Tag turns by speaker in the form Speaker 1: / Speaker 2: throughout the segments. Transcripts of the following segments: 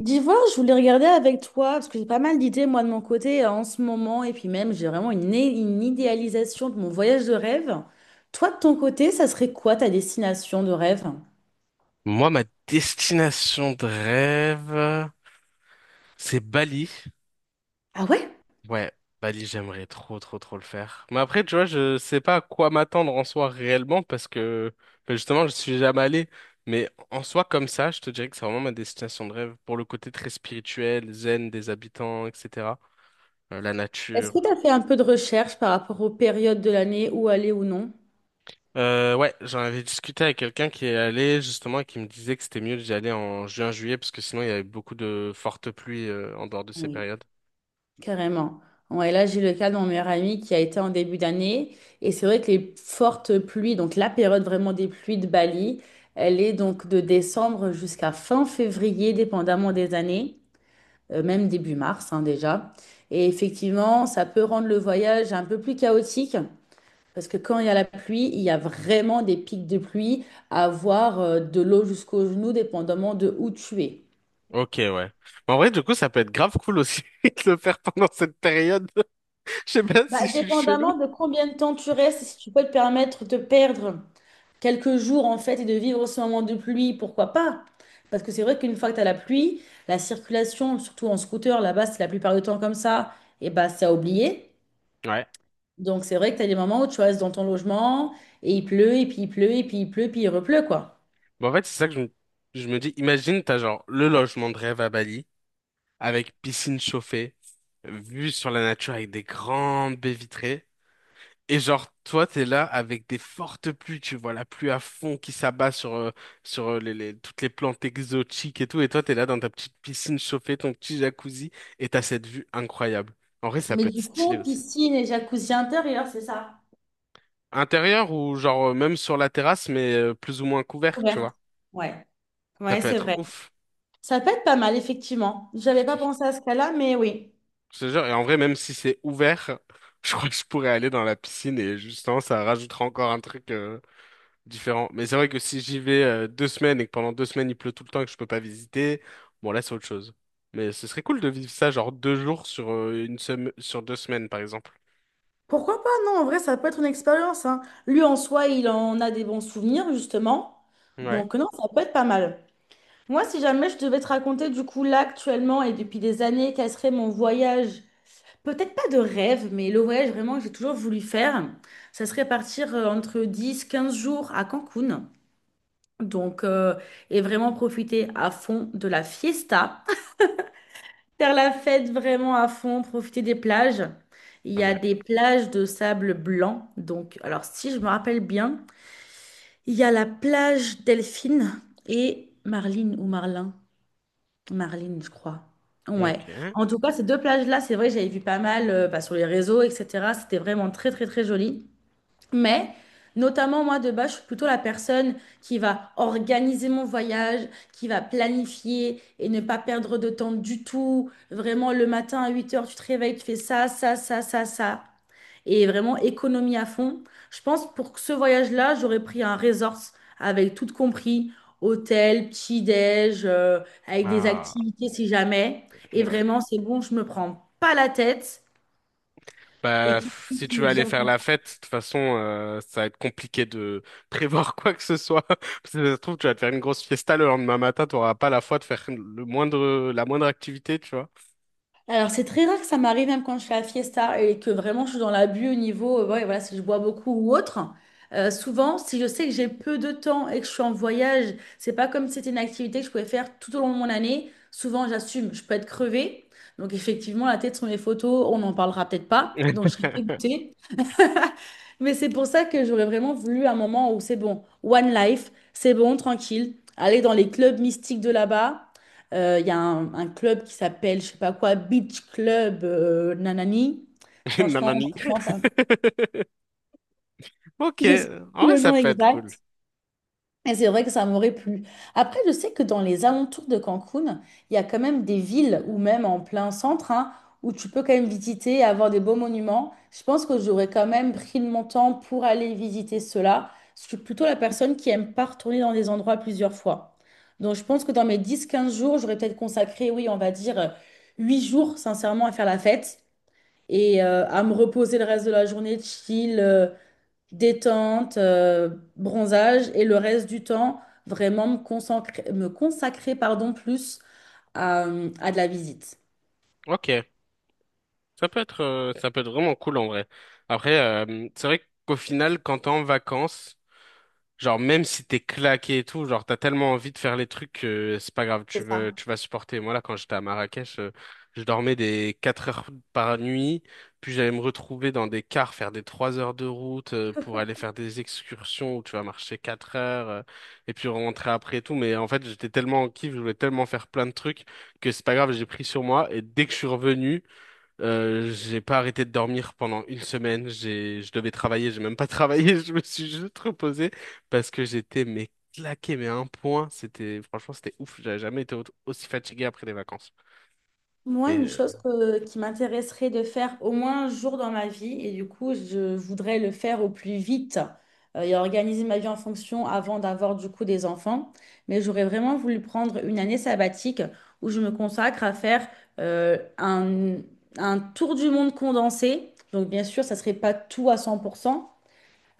Speaker 1: D'Ivoire, je voulais regarder avec toi, parce que j'ai pas mal d'idées, moi, de mon côté, en ce moment, et puis même, j'ai vraiment une idéalisation de mon voyage de rêve. Toi, de ton côté, ça serait quoi ta destination de rêve?
Speaker 2: Moi, ma destination de rêve, c'est Bali.
Speaker 1: Ah ouais?
Speaker 2: Ouais, Bali, j'aimerais trop, trop, trop le faire. Mais après, tu vois, je sais pas à quoi m'attendre en soi réellement parce que ben, justement, je suis jamais allé. Mais en soi, comme ça, je te dirais que c'est vraiment ma destination de rêve pour le côté très spirituel, zen des habitants, etc. La
Speaker 1: Est-ce
Speaker 2: nature.
Speaker 1: que tu as fait un peu de recherche par rapport aux périodes de l'année où aller ou non?
Speaker 2: Ouais, j'en avais discuté avec quelqu'un qui est allé justement et qui me disait que c'était mieux d'y aller en juin-juillet parce que sinon il y avait beaucoup de fortes pluies en dehors de ces
Speaker 1: Oui,
Speaker 2: périodes.
Speaker 1: carrément. Ouais, là, j'ai le cas de mon meilleur ami qui a été en début d'année. Et c'est vrai que les fortes pluies, donc la période vraiment des pluies de Bali, elle est donc de décembre jusqu'à fin février, dépendamment des années. Même début mars hein, déjà. Et effectivement, ça peut rendre le voyage un peu plus chaotique parce que quand il y a la pluie, il y a vraiment des pics de pluie à avoir de l'eau jusqu'aux genoux, dépendamment de où tu es.
Speaker 2: Ok, ouais. Mais en vrai, du coup, ça peut être grave cool aussi de le faire pendant cette période. Je sais pas
Speaker 1: Bah,
Speaker 2: si je suis chelou.
Speaker 1: dépendamment de combien de temps tu restes, si tu peux te permettre de perdre quelques jours en fait et de vivre ce moment de pluie, pourquoi pas? Parce que c'est vrai qu'une fois que tu as la pluie, la circulation, surtout en scooter, là-bas, c'est la plupart du temps comme ça, et bah c'est à oublier.
Speaker 2: Ouais.
Speaker 1: Donc, c'est vrai que tu as des moments où tu restes dans ton logement et il pleut, et puis il pleut, et puis il pleut, puis il repleut, quoi.
Speaker 2: Mais en fait, c'est ça que je me dis. Imagine, t'as genre le logement de rêve à Bali, avec piscine chauffée, vue sur la nature avec des grandes baies vitrées. Et genre, toi, t'es là avec des fortes pluies, tu vois la pluie à fond qui s'abat sur toutes les plantes exotiques et tout. Et toi, t'es là dans ta petite piscine chauffée, ton petit jacuzzi, et t'as cette vue incroyable. En vrai, ça
Speaker 1: Mais
Speaker 2: peut être
Speaker 1: du
Speaker 2: stylé
Speaker 1: coup,
Speaker 2: aussi.
Speaker 1: piscine et jacuzzi intérieur, c'est ça?
Speaker 2: Intérieur ou genre même sur la terrasse, mais plus ou moins couvert, tu
Speaker 1: Couverte.
Speaker 2: vois.
Speaker 1: Ouais,
Speaker 2: Ça
Speaker 1: ouais,
Speaker 2: peut
Speaker 1: c'est
Speaker 2: être
Speaker 1: vrai.
Speaker 2: ouf.
Speaker 1: Ça peut être pas mal, effectivement. J'avais pas pensé à ce cas-là, mais oui.
Speaker 2: Je te jure. Et en vrai, même si c'est ouvert, je crois que je pourrais aller dans la piscine et justement, ça rajoutera encore un truc différent. Mais c'est vrai que si j'y vais 2 semaines et que pendant 2 semaines il pleut tout le temps et que je peux pas visiter, bon là c'est autre chose. Mais ce serait cool de vivre ça genre 2 jours sur une semaine, sur 2 semaines par exemple.
Speaker 1: Pourquoi pas? Non, en vrai, ça peut être une expérience, hein. Lui, en soi, il en a des bons souvenirs, justement.
Speaker 2: Ouais.
Speaker 1: Donc, non, ça peut être pas mal. Moi, si jamais je devais te raconter, du coup, là, actuellement, et depuis des années, quel serait mon voyage? Peut-être pas de rêve, mais le voyage vraiment que j'ai toujours voulu faire, ça serait partir entre 10-15 jours à Cancun. Donc, et vraiment profiter à fond de la fiesta. Faire la fête vraiment à fond, profiter des plages. Il
Speaker 2: Pas
Speaker 1: y a
Speaker 2: mal.
Speaker 1: des plages de sable blanc. Donc, alors si je me rappelle bien, il y a la plage Delphine et Marline ou Marlin. Marlene, je crois. Ouais.
Speaker 2: Ok.
Speaker 1: En tout cas, ces deux plages-là, c'est vrai, que j'avais vu pas mal bah, sur les réseaux, etc. C'était vraiment très, très, très joli. Mais, notamment, moi, de base, je suis plutôt la personne qui va organiser mon voyage, qui va planifier et ne pas perdre de temps du tout. Vraiment, le matin à 8 heures, tu te réveilles, tu fais ça, ça, ça, ça, ça et vraiment économie à fond. Je pense pour ce voyage-là, j'aurais pris un resort avec tout compris, hôtel, petit-déj, avec des
Speaker 2: Ah.
Speaker 1: activités si jamais. Et
Speaker 2: Ouais.
Speaker 1: vraiment, c'est bon, je me prends pas la tête et
Speaker 2: Bah,
Speaker 1: qui
Speaker 2: si
Speaker 1: puisse
Speaker 2: tu
Speaker 1: me
Speaker 2: veux aller
Speaker 1: dire
Speaker 2: faire
Speaker 1: bon,
Speaker 2: la fête, de toute façon, ça va être compliqué de prévoir quoi que ce soit. Parce que ça se trouve, tu vas te faire une grosse fiesta le lendemain matin, tu n'auras pas la foi de faire le moindre, la moindre activité, tu vois.
Speaker 1: alors, c'est très rare que ça m'arrive, même quand je fais la fiesta et que vraiment je suis dans l'abus au niveau, ouais, voilà, si je bois beaucoup ou autre. Souvent, si je sais que j'ai peu de temps et que je suis en voyage, c'est pas comme si c'était une activité que je pouvais faire tout au long de mon année. Souvent, j'assume, je peux être crevée. Donc, effectivement, la tête sur mes photos, on n'en parlera peut-être pas. Donc, je serai dégoûtée. Mais c'est pour ça que j'aurais vraiment voulu un moment où c'est bon, one life, c'est bon, tranquille, aller dans les clubs mystiques de là-bas. Il y a un club qui s'appelle, je sais pas quoi, Beach Club Nanani. Franchement,
Speaker 2: Nanani.
Speaker 1: vraiment pas.
Speaker 2: Ok,
Speaker 1: Je sais
Speaker 2: en
Speaker 1: plus
Speaker 2: vrai,
Speaker 1: le
Speaker 2: ça
Speaker 1: nom
Speaker 2: peut être cool.
Speaker 1: exact. Et c'est vrai que ça m'aurait plu. Après, je sais que dans les alentours de Cancun, il y a quand même des villes ou même en plein centre hein, où tu peux quand même visiter et avoir des beaux monuments. Je pense que j'aurais quand même pris de mon temps pour aller visiter cela. Je suis plutôt la personne qui aime pas retourner dans des endroits plusieurs fois. Donc, je pense que dans mes 10-15 jours, j'aurais peut-être consacré, oui, on va dire 8 jours, sincèrement, à faire la fête et à me reposer le reste de la journée, chill, détente, bronzage, et le reste du temps, vraiment me consacrer, pardon, plus à, à de la visite.
Speaker 2: Ok, ça peut être vraiment cool en vrai. Après, c'est vrai qu'au final, quand t'es en vacances, genre, même si t'es claqué et tout, genre, t'as tellement envie de faire les trucs que c'est pas grave, tu
Speaker 1: C'est ça.
Speaker 2: veux, tu vas supporter. Moi, là, quand j'étais à Marrakech, je dormais des 4 heures par nuit, puis j'allais me retrouver dans des cars, faire des 3 heures de route pour aller faire des excursions où tu vas marcher 4 heures, et puis rentrer après et tout. Mais en fait, j'étais tellement en kiff, je voulais tellement faire plein de trucs que c'est pas grave, j'ai pris sur moi, et dès que je suis revenu, j'ai pas arrêté de dormir pendant une semaine. Je devais travailler, j'ai même pas travaillé. Je me suis juste reposé parce que j'étais mais claqué, mais à un point. C'était franchement, c'était ouf. J'avais jamais été aussi fatigué après des vacances.
Speaker 1: Moi,
Speaker 2: Mais
Speaker 1: une chose qui m'intéresserait de faire au moins un jour dans ma vie, et du coup, je voudrais le faire au plus vite et organiser ma vie en fonction avant d'avoir du coup des enfants. Mais j'aurais vraiment voulu prendre une année sabbatique où je me consacre à faire euh, un, un tour du monde condensé. Donc, bien sûr, ça serait pas tout à 100%.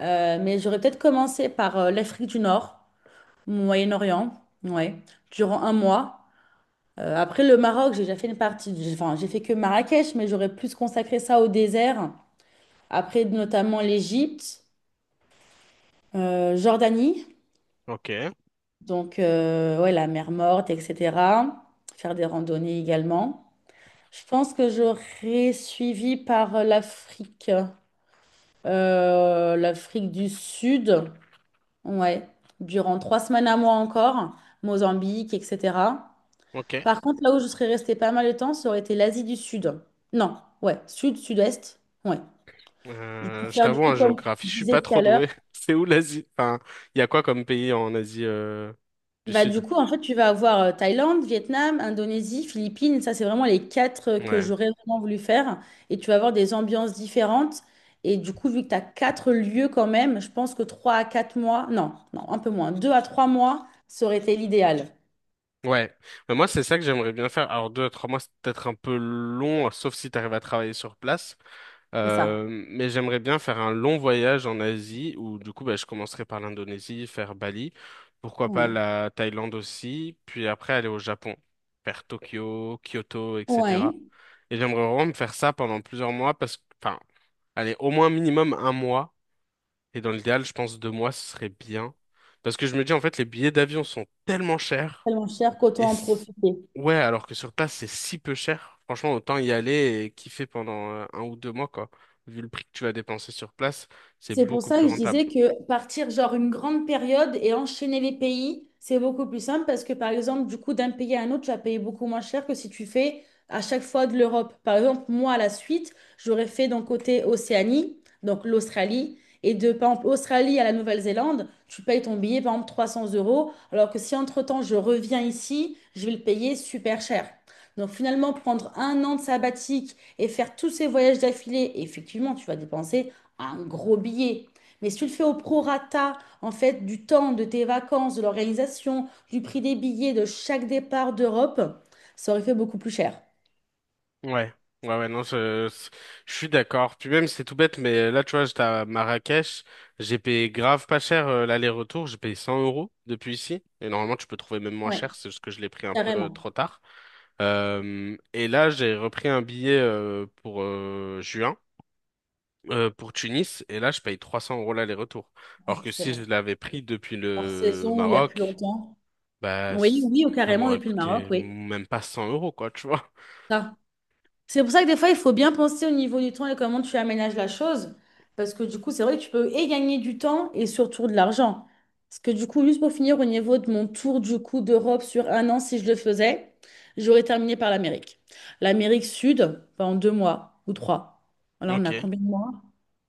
Speaker 1: Mais j'aurais peut-être commencé par l'Afrique du Nord, Moyen-Orient, ouais, durant un mois. Après le Maroc, j'ai déjà fait une partie, enfin, j'ai fait que Marrakech, mais j'aurais plus consacré ça au désert. Après, notamment l'Égypte, Jordanie,
Speaker 2: ok,
Speaker 1: donc ouais, la mer Morte, etc. Faire des randonnées également. Je pense que j'aurais suivi par l'Afrique, l'Afrique du Sud. Ouais, durant 3 semaines à moi encore, Mozambique, etc.
Speaker 2: ok.
Speaker 1: Par contre, là où je serais restée pas mal de temps, ça aurait été l'Asie du Sud. Non, ouais, Sud, Sud-Est, ouais. Et pour
Speaker 2: Je
Speaker 1: faire du
Speaker 2: t'avoue,
Speaker 1: coup,
Speaker 2: en
Speaker 1: comme
Speaker 2: géographie,
Speaker 1: tu
Speaker 2: je suis
Speaker 1: disais
Speaker 2: pas
Speaker 1: tout
Speaker 2: trop
Speaker 1: à l'heure,
Speaker 2: doué. C'est où l'Asie? Enfin, il y a quoi comme pays en Asie du
Speaker 1: bah
Speaker 2: Sud?
Speaker 1: du coup, en fait, tu vas avoir Thaïlande, Vietnam, Indonésie, Philippines, ça c'est vraiment les quatre que
Speaker 2: Ouais.
Speaker 1: j'aurais vraiment voulu faire. Et tu vas avoir des ambiances différentes. Et du coup, vu que tu as quatre lieux quand même, je pense que trois à quatre mois, non, non, un peu moins, deux à trois mois, ça aurait été l'idéal.
Speaker 2: Ouais, mais moi c'est ça que j'aimerais bien faire. Alors 2 à 3 mois c'est peut-être un peu long, sauf si t'arrives à travailler sur place.
Speaker 1: C'est ça,
Speaker 2: Mais j'aimerais bien faire un long voyage en Asie où du coup bah, je commencerai par l'Indonésie, faire Bali, pourquoi pas
Speaker 1: ouais.
Speaker 2: la Thaïlande aussi, puis après aller au Japon, faire Tokyo, Kyoto, etc.
Speaker 1: Ouais,
Speaker 2: Et j'aimerais vraiment me faire ça pendant plusieurs mois parce que, enfin, allez, au moins minimum un mois, et dans l'idéal, je pense 2 mois, ce serait bien. Parce que je me dis en fait, les billets d'avion sont tellement chers
Speaker 1: tellement cher
Speaker 2: et
Speaker 1: qu'autant en profiter.
Speaker 2: ouais, alors que sur place, c'est si peu cher. Franchement, autant y aller et kiffer pendant 1 ou 2 mois, quoi. Vu le prix que tu vas dépenser sur place, c'est
Speaker 1: C'est pour
Speaker 2: beaucoup
Speaker 1: ça
Speaker 2: plus
Speaker 1: que je
Speaker 2: rentable.
Speaker 1: disais que partir genre une grande période et enchaîner les pays, c'est beaucoup plus simple parce que par exemple, du coup, d'un pays à un autre, tu vas payer beaucoup moins cher que si tu fais à chaque fois de l'Europe. Par exemple, moi, à la suite, j'aurais fait d'un côté Océanie, donc l'Australie, et de par exemple Australie à la Nouvelle-Zélande, tu payes ton billet par exemple 300 euros, alors que si entre-temps je reviens ici, je vais le payer super cher. Donc finalement, prendre un an de sabbatique et faire tous ces voyages d'affilée, effectivement, tu vas dépenser un gros billet. Mais si tu le fais au prorata, en fait, du temps, de tes vacances, de l'organisation, du prix des billets de chaque départ d'Europe, ça aurait fait beaucoup plus cher.
Speaker 2: Ouais, ouais, ouais, non, je suis d'accord. Puis même, c'est tout bête, mais là, tu vois, j'étais à Marrakech, j'ai payé grave pas cher l'aller-retour, j'ai payé 100 € depuis ici. Et normalement, tu peux trouver même moins
Speaker 1: Ouais,
Speaker 2: cher, c'est juste que je l'ai pris un peu
Speaker 1: carrément.
Speaker 2: trop tard. Et là, j'ai repris un billet pour juin. Pour Tunis et là je paye 300 € l'aller-retour. Alors
Speaker 1: Ouais,
Speaker 2: que
Speaker 1: c'est
Speaker 2: si je
Speaker 1: vrai.
Speaker 2: l'avais pris depuis
Speaker 1: Hors
Speaker 2: le
Speaker 1: saison ou il y a plus
Speaker 2: Maroc,
Speaker 1: longtemps.
Speaker 2: bah
Speaker 1: Oui, oui, ou
Speaker 2: ça
Speaker 1: carrément
Speaker 2: m'aurait
Speaker 1: depuis le Maroc,
Speaker 2: coûté
Speaker 1: oui.
Speaker 2: même pas 100 € quoi, tu vois.
Speaker 1: Ça, c'est pour ça que des fois, il faut bien penser au niveau du temps et comment tu aménages la chose. Parce que du coup, c'est vrai que tu peux et gagner du temps et surtout de l'argent. Parce que du coup, juste pour finir, au niveau de mon tour du coup d'Europe sur un an, si je le faisais, j'aurais terminé par l'Amérique. L'Amérique Sud, enfin, en deux mois ou trois. Alors, on a
Speaker 2: Ok.
Speaker 1: combien de mois?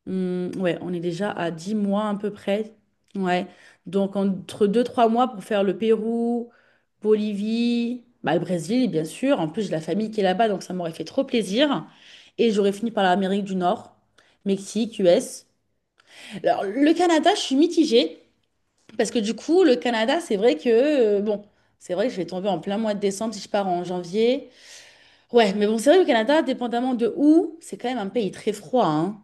Speaker 1: Hmm, ouais, on est déjà à 10 mois à peu près. Ouais. Donc entre deux trois mois pour faire le Pérou, Bolivie, bah, le Brésil, bien sûr. En plus, j'ai la famille qui est là-bas, donc ça m'aurait fait trop plaisir. Et j'aurais fini par l'Amérique du Nord, Mexique, US. Alors, le Canada, je suis mitigée, parce que du coup, le Canada, c'est vrai que, bon, c'est vrai que je vais tomber en plein mois de décembre si je pars en janvier. Ouais, mais bon, c'est vrai que le Canada, dépendamment de où, c'est quand même un pays très froid, hein.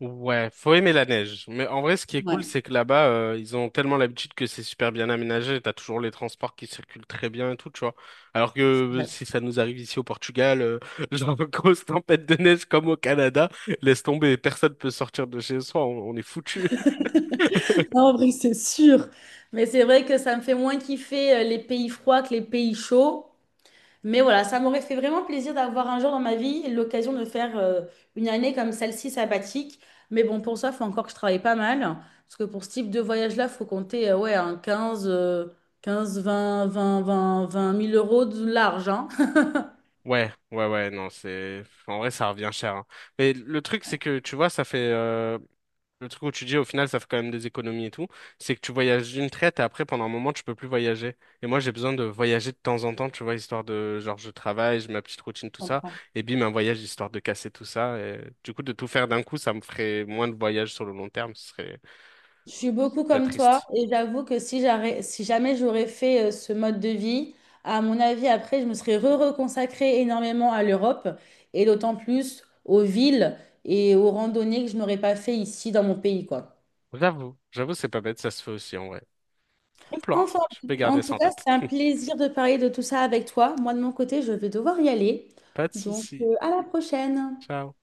Speaker 2: Ouais, faut aimer la neige. Mais en vrai, ce qui est cool,
Speaker 1: Ouais.
Speaker 2: c'est que là-bas, ils ont tellement l'habitude que c'est super bien aménagé. T'as toujours les transports qui circulent très bien et tout, tu vois. Alors que si ça nous arrive ici au Portugal, genre grosse tempête de neige comme au Canada, laisse tomber, personne peut sortir de chez soi, on est foutu.
Speaker 1: Non, en vrai, c'est sûr. Mais c'est vrai que ça me fait moins kiffer les pays froids que les pays chauds. Mais voilà, ça m'aurait fait vraiment plaisir d'avoir un jour dans ma vie l'occasion de faire une année comme celle-ci sabbatique. Mais bon, pour ça, il faut encore que je travaille pas mal. Parce que pour ce type de voyage-là, il faut compter ouais, un 15, 15, 20, 20, 20 20 000 euros de large. Hein.
Speaker 2: Ouais, ouais, ouais, non, en vrai, ça revient cher, hein. Mais le truc, c'est que, tu vois, le truc où tu dis, au final, ça fait quand même des économies et tout, c'est que tu voyages d'une traite et après, pendant un moment, tu peux plus voyager. Et moi, j'ai besoin de voyager de temps en temps, tu vois, genre, je travaille, j'ai ma petite routine,
Speaker 1: Je
Speaker 2: tout ça.
Speaker 1: comprends.
Speaker 2: Et bim, un voyage, histoire de casser tout ça. Et du coup, de tout faire d'un coup, ça me ferait moins de voyages sur le long terme. Ce serait
Speaker 1: Je suis beaucoup
Speaker 2: très
Speaker 1: comme toi
Speaker 2: triste.
Speaker 1: et j'avoue que si jamais j'aurais fait ce mode de vie, à mon avis, après, je me serais re-reconsacrée énormément à l'Europe et d'autant plus aux villes et aux randonnées que je n'aurais pas fait ici dans mon pays, quoi.
Speaker 2: J'avoue, j'avoue, c'est pas bête, ça se fait aussi, en vrai. Bon plan.
Speaker 1: Enfin,
Speaker 2: Je peux
Speaker 1: en
Speaker 2: garder ça
Speaker 1: tout
Speaker 2: en
Speaker 1: cas,
Speaker 2: tête.
Speaker 1: c'était un plaisir de parler de tout ça avec toi. Moi, de mon côté, je vais devoir y aller.
Speaker 2: Pas de
Speaker 1: Donc,
Speaker 2: souci.
Speaker 1: à la prochaine.
Speaker 2: Ciao.